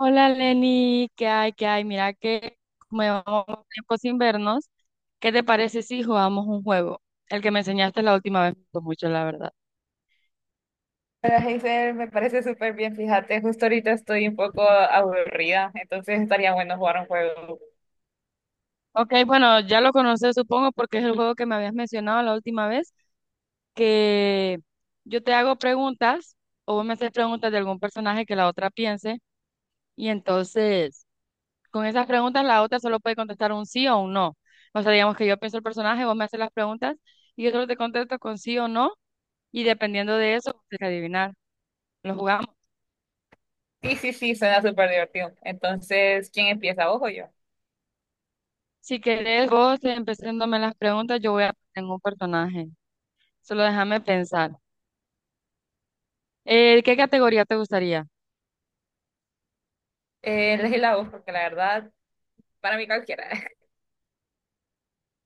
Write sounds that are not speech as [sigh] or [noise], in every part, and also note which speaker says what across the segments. Speaker 1: Hola Lenny, ¿qué hay? ¿Qué hay? Mira que como llevamos tiempo sin vernos, ¿qué te parece si jugamos un juego? El que me enseñaste la última vez me gustó mucho, la verdad.
Speaker 2: Hola, Hazel, me parece súper bien. Fíjate, justo ahorita estoy un poco aburrida, entonces estaría bueno jugar un juego.
Speaker 1: Ok, bueno, ya lo conoces supongo porque es el juego que me habías mencionado la última vez, que yo te hago preguntas o vos me haces preguntas de algún personaje que la otra piense y entonces con esas preguntas la otra solo puede contestar un sí o un no. O sea, digamos que yo pienso el personaje, vos me haces las preguntas y yo solo te contesto con sí o no. Y dependiendo de eso, usted tiene que adivinar. Lo jugamos.
Speaker 2: Sí, sí, sí, suena súper divertido. Entonces, ¿quién empieza? ¿Vos o yo?
Speaker 1: Si querés, vos empezándome las preguntas, yo voy a pensar en un personaje. Solo déjame pensar. ¿Qué categoría te gustaría?
Speaker 2: Elegí la voz, porque la verdad, para mí cualquiera. [laughs]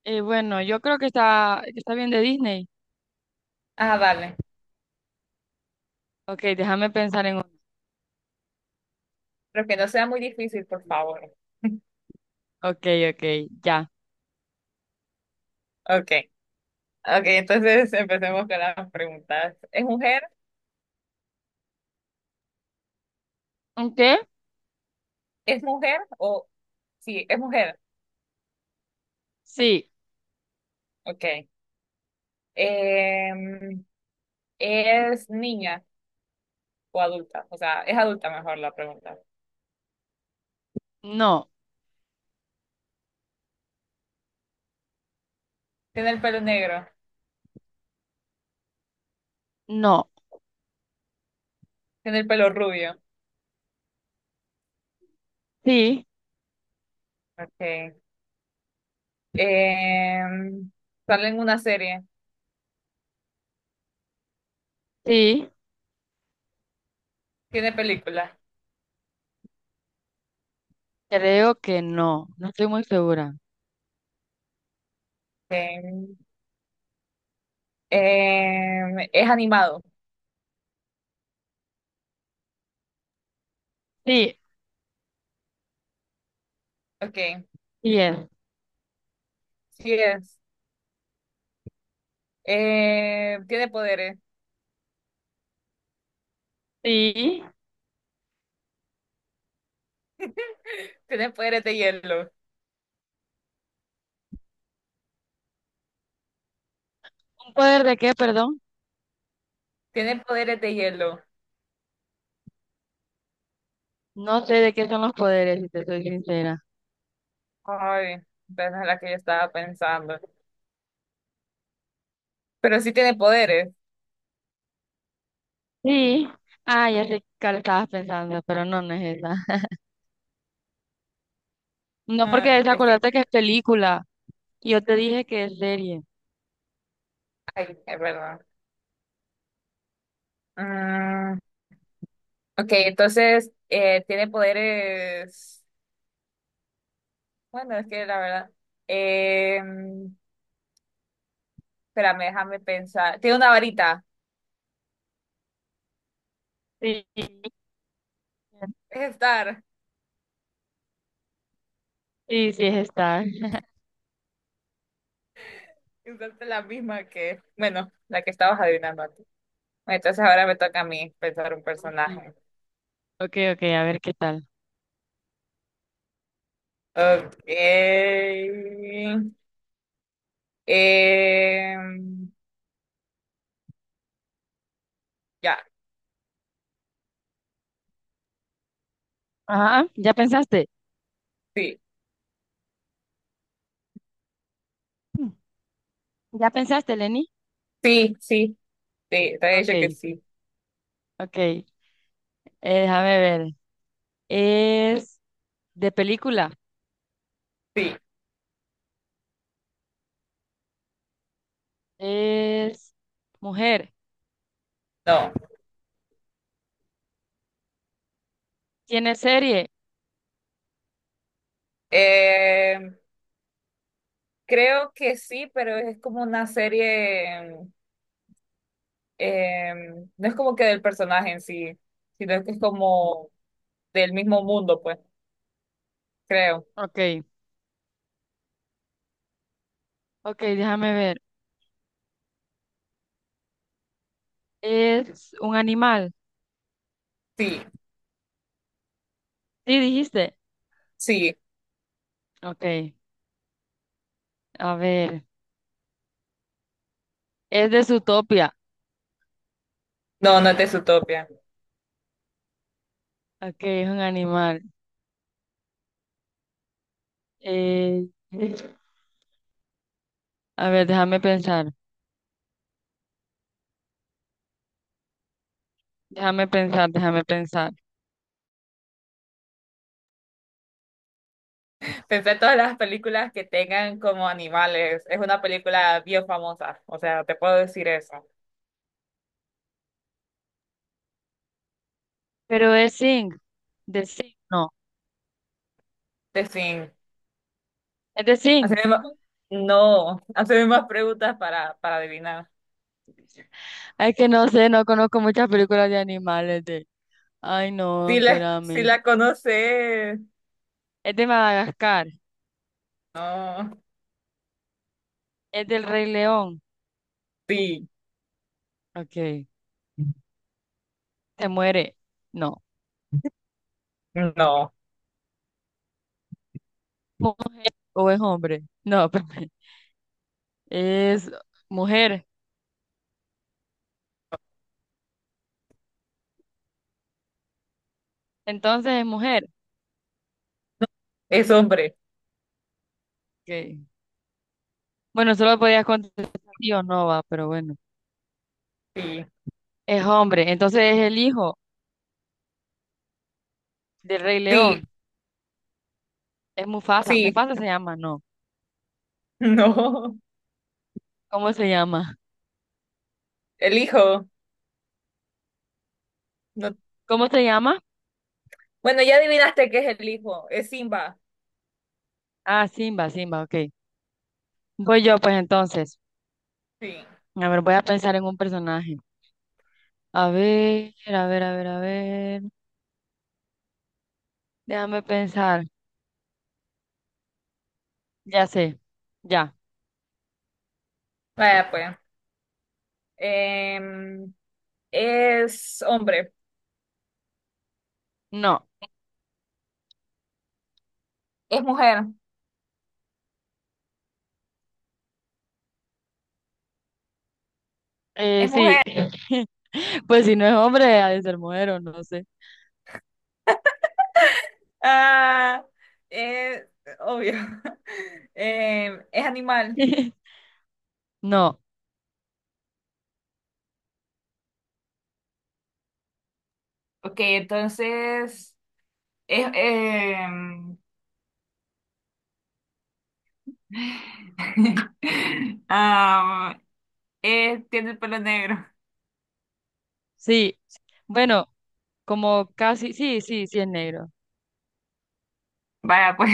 Speaker 1: Bueno, yo creo que que está bien de Disney.
Speaker 2: Ah, vale.
Speaker 1: Ok, déjame pensar en uno.
Speaker 2: Pero que no sea muy difícil, por favor. [laughs]
Speaker 1: Ok, ok, ya.
Speaker 2: Ok, ok, entonces empecemos con las preguntas. ¿Es mujer?
Speaker 1: ¿Un qué?
Speaker 2: ¿Es mujer o...? Sí, es mujer.
Speaker 1: Sí,
Speaker 2: Ok. Em, ¿Es niña o adulta? O sea, es adulta mejor la pregunta.
Speaker 1: no,
Speaker 2: Tiene el pelo negro,
Speaker 1: no.
Speaker 2: tiene el pelo rubio.
Speaker 1: Sí,
Speaker 2: Okay. Em, Sale en una serie,
Speaker 1: sí,
Speaker 2: tiene película.
Speaker 1: creo que no. No estoy muy segura.
Speaker 2: Em, es animado.
Speaker 1: Sí,
Speaker 2: Okay.
Speaker 1: sí es.
Speaker 2: Sí es. Tiene poderes,
Speaker 1: Sí.
Speaker 2: tiene poderes de hielo,
Speaker 1: ¿Un poder de qué, perdón?
Speaker 2: tiene poderes de hielo.
Speaker 1: No sé de qué son los poderes, si te soy sincera.
Speaker 2: Ay, esa es la que yo estaba pensando. Pero sí tiene poderes.
Speaker 1: Sí. Ah, ya sé cuál estabas pensando, pero no, no es esa. [laughs] No,
Speaker 2: Ah,
Speaker 1: porque es,
Speaker 2: es que,
Speaker 1: acordate que es película. Y yo te dije que es serie.
Speaker 2: ay, es verdad. Mm, ok, entonces tiene poderes. Bueno, es que la verdad. em, Espérame, déjame pensar. Tiene una varita.
Speaker 1: Sí,
Speaker 2: Es Star.
Speaker 1: sí, sí, es esta.
Speaker 2: Exacto, la misma que. Bueno, la que estabas adivinando antes. Bueno, entonces ahora me toca a mí pensar un
Speaker 1: Ujú.
Speaker 2: personaje.
Speaker 1: Ok, ok, a ver qué tal.
Speaker 2: Ok. Em, ya.
Speaker 1: Ajá, ¿ya pensaste?
Speaker 2: Sí.
Speaker 1: Mm. ¿Ya pensaste, Lenny?
Speaker 2: Sí, sí. Sí, te he
Speaker 1: Ok,
Speaker 2: dicho que sí.
Speaker 1: ok. Déjame ver. Es de película.
Speaker 2: Sí.
Speaker 1: Es mujer.
Speaker 2: No.
Speaker 1: ¿Tiene serie?
Speaker 2: Em, Creo que sí, pero es como una serie. Eh, no es como que del personaje en sí, sino que es como del mismo mundo, pues, creo.
Speaker 1: Ok, ok, déjame ver. ¿Es un animal?
Speaker 2: Sí,
Speaker 1: Sí, dijiste.
Speaker 2: sí.
Speaker 1: Ok, a ver. Es de Zootopia.
Speaker 2: No, no es de Zootopia.
Speaker 1: Ok, es un animal. Eh, a ver, déjame pensar. Déjame pensar, déjame pensar.
Speaker 2: Pensé en todas las películas que tengan como animales. Es una película bien famosa. O sea, te puedo decir eso.
Speaker 1: Pero es Sing. De Sing, no.
Speaker 2: De fin.
Speaker 1: Es de Sing.
Speaker 2: Haceme más- No, [laughs] haceme más preguntas para adivinar.
Speaker 1: Es que no sé, no conozco muchas películas de animales de. Ay, no,
Speaker 2: Si
Speaker 1: espérame.
Speaker 2: la conoces.
Speaker 1: Es de Madagascar.
Speaker 2: No.
Speaker 1: Es del Rey León.
Speaker 2: Sí.
Speaker 1: Ok. Se muere. No.
Speaker 2: No.
Speaker 1: ¿O o es hombre? No, [laughs] espérame. Es mujer. Entonces es mujer.
Speaker 2: Es hombre.
Speaker 1: Ok. Bueno, solo podías contestar sí o no, va, pero bueno.
Speaker 2: Sí.
Speaker 1: Es hombre, entonces es el hijo del Rey
Speaker 2: Sí.
Speaker 1: León. Es Mufasa.
Speaker 2: Sí. [laughs]
Speaker 1: Mufasa se llama, no.
Speaker 2: No.
Speaker 1: ¿Cómo se llama?
Speaker 2: El hijo. No-
Speaker 1: ¿Cómo se llama?
Speaker 2: Bueno, ya adivinaste que es el hijo. Es Simba.
Speaker 1: Ah, Simba, Simba, ok. Voy yo, pues entonces.
Speaker 2: Sí.
Speaker 1: A ver, voy a pensar en un personaje. A ver, a ver, a ver, a ver. Déjame pensar. Ya sé. Ya.
Speaker 2: Vaya, pues. Em, es hombre.
Speaker 1: No.
Speaker 2: Es mujer. Es mujer.
Speaker 1: Sí. [laughs] Pues si no es hombre, ha de ser mujer o no sé.
Speaker 2: Ah, es obvio. [laughs] Em, es animal.
Speaker 1: [laughs] No.
Speaker 2: Ok, entonces. Es, em, [laughs] am, es- tiene el pelo negro.
Speaker 1: Sí. Bueno, como casi. Sí, sí, sí es negro.
Speaker 2: Vaya, pues.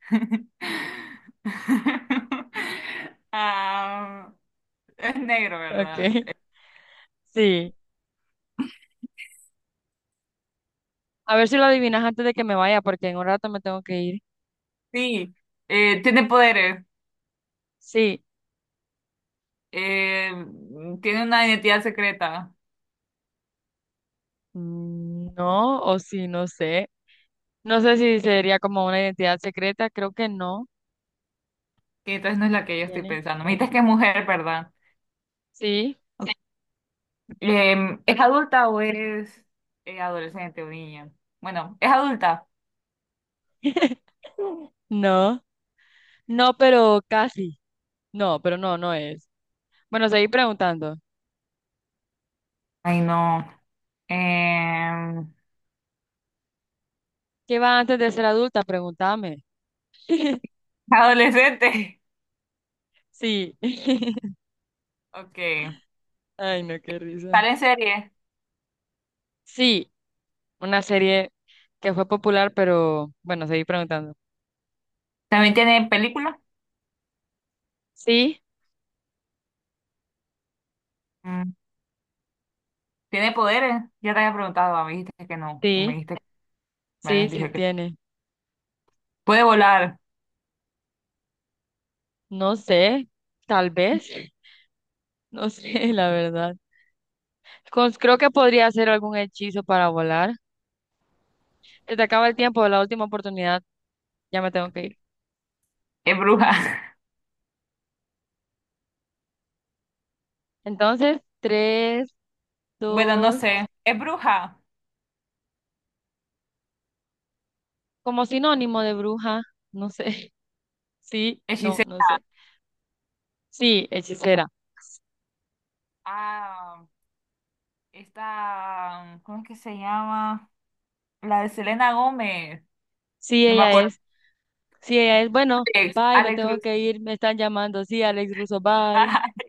Speaker 2: [laughs] Am, Es negro,
Speaker 1: Ok.
Speaker 2: ¿verdad?
Speaker 1: [laughs] Sí. A ver si lo adivinas antes de que me vaya, porque en un rato me tengo que ir.
Speaker 2: Sí. Tiene poderes.
Speaker 1: Sí,
Speaker 2: Tiene una identidad secreta,
Speaker 1: mm, no, o sí, no sé. No sé si sería como una identidad secreta, creo que no.
Speaker 2: que entonces no es la
Speaker 1: ¿Lo
Speaker 2: que yo estoy
Speaker 1: tiene?
Speaker 2: pensando. Me dices que es mujer, ¿verdad?
Speaker 1: Sí.
Speaker 2: ¿Es adulta o es adolescente o niña? Bueno, es adulta.
Speaker 1: [laughs] No, no, pero casi. No, pero no, no es. Bueno, seguí preguntando.
Speaker 2: Ay, no. Eh,
Speaker 1: ¿Qué va antes de ser adulta? Pregúntame. [laughs]
Speaker 2: Adolescente. [laughs]
Speaker 1: Sí. [laughs]
Speaker 2: Ok.
Speaker 1: Ay, no, qué risa.
Speaker 2: ¿Sale en serie?
Speaker 1: Sí, una serie que fue popular, pero bueno, seguí preguntando.
Speaker 2: ¿También tiene película?
Speaker 1: Sí,
Speaker 2: Mm, ¿tiene poderes? Ya te había preguntado, me dijiste que no, o me
Speaker 1: sí,
Speaker 2: dijiste, me
Speaker 1: sí,
Speaker 2: habías
Speaker 1: sí
Speaker 2: dicho que
Speaker 1: tiene.
Speaker 2: puede volar,
Speaker 1: No sé, tal vez, no sé, [laughs] la verdad. Cons- creo que podría hacer algún hechizo para volar. Se te acaba el tiempo, la última oportunidad, ya me tengo que ir.
Speaker 2: es bruja.
Speaker 1: Entonces, tres,
Speaker 2: Bueno, no
Speaker 1: dos,
Speaker 2: sé. Es bruja.
Speaker 1: como sinónimo de bruja, no sé. [laughs] Sí, no,
Speaker 2: Hechicera.
Speaker 1: no sé. Sí, hechicera.
Speaker 2: Ah, esta. ¿Cómo es que se llama? La de Selena Gómez.
Speaker 1: Sí,
Speaker 2: No me
Speaker 1: ella
Speaker 2: acuerdo.
Speaker 1: es. Sí, ella es. Bueno,
Speaker 2: Alex,
Speaker 1: bye, me
Speaker 2: Alex
Speaker 1: tengo
Speaker 2: Ruiz.
Speaker 1: que ir, me están llamando. Sí, Alex Russo, bye.
Speaker 2: [laughs]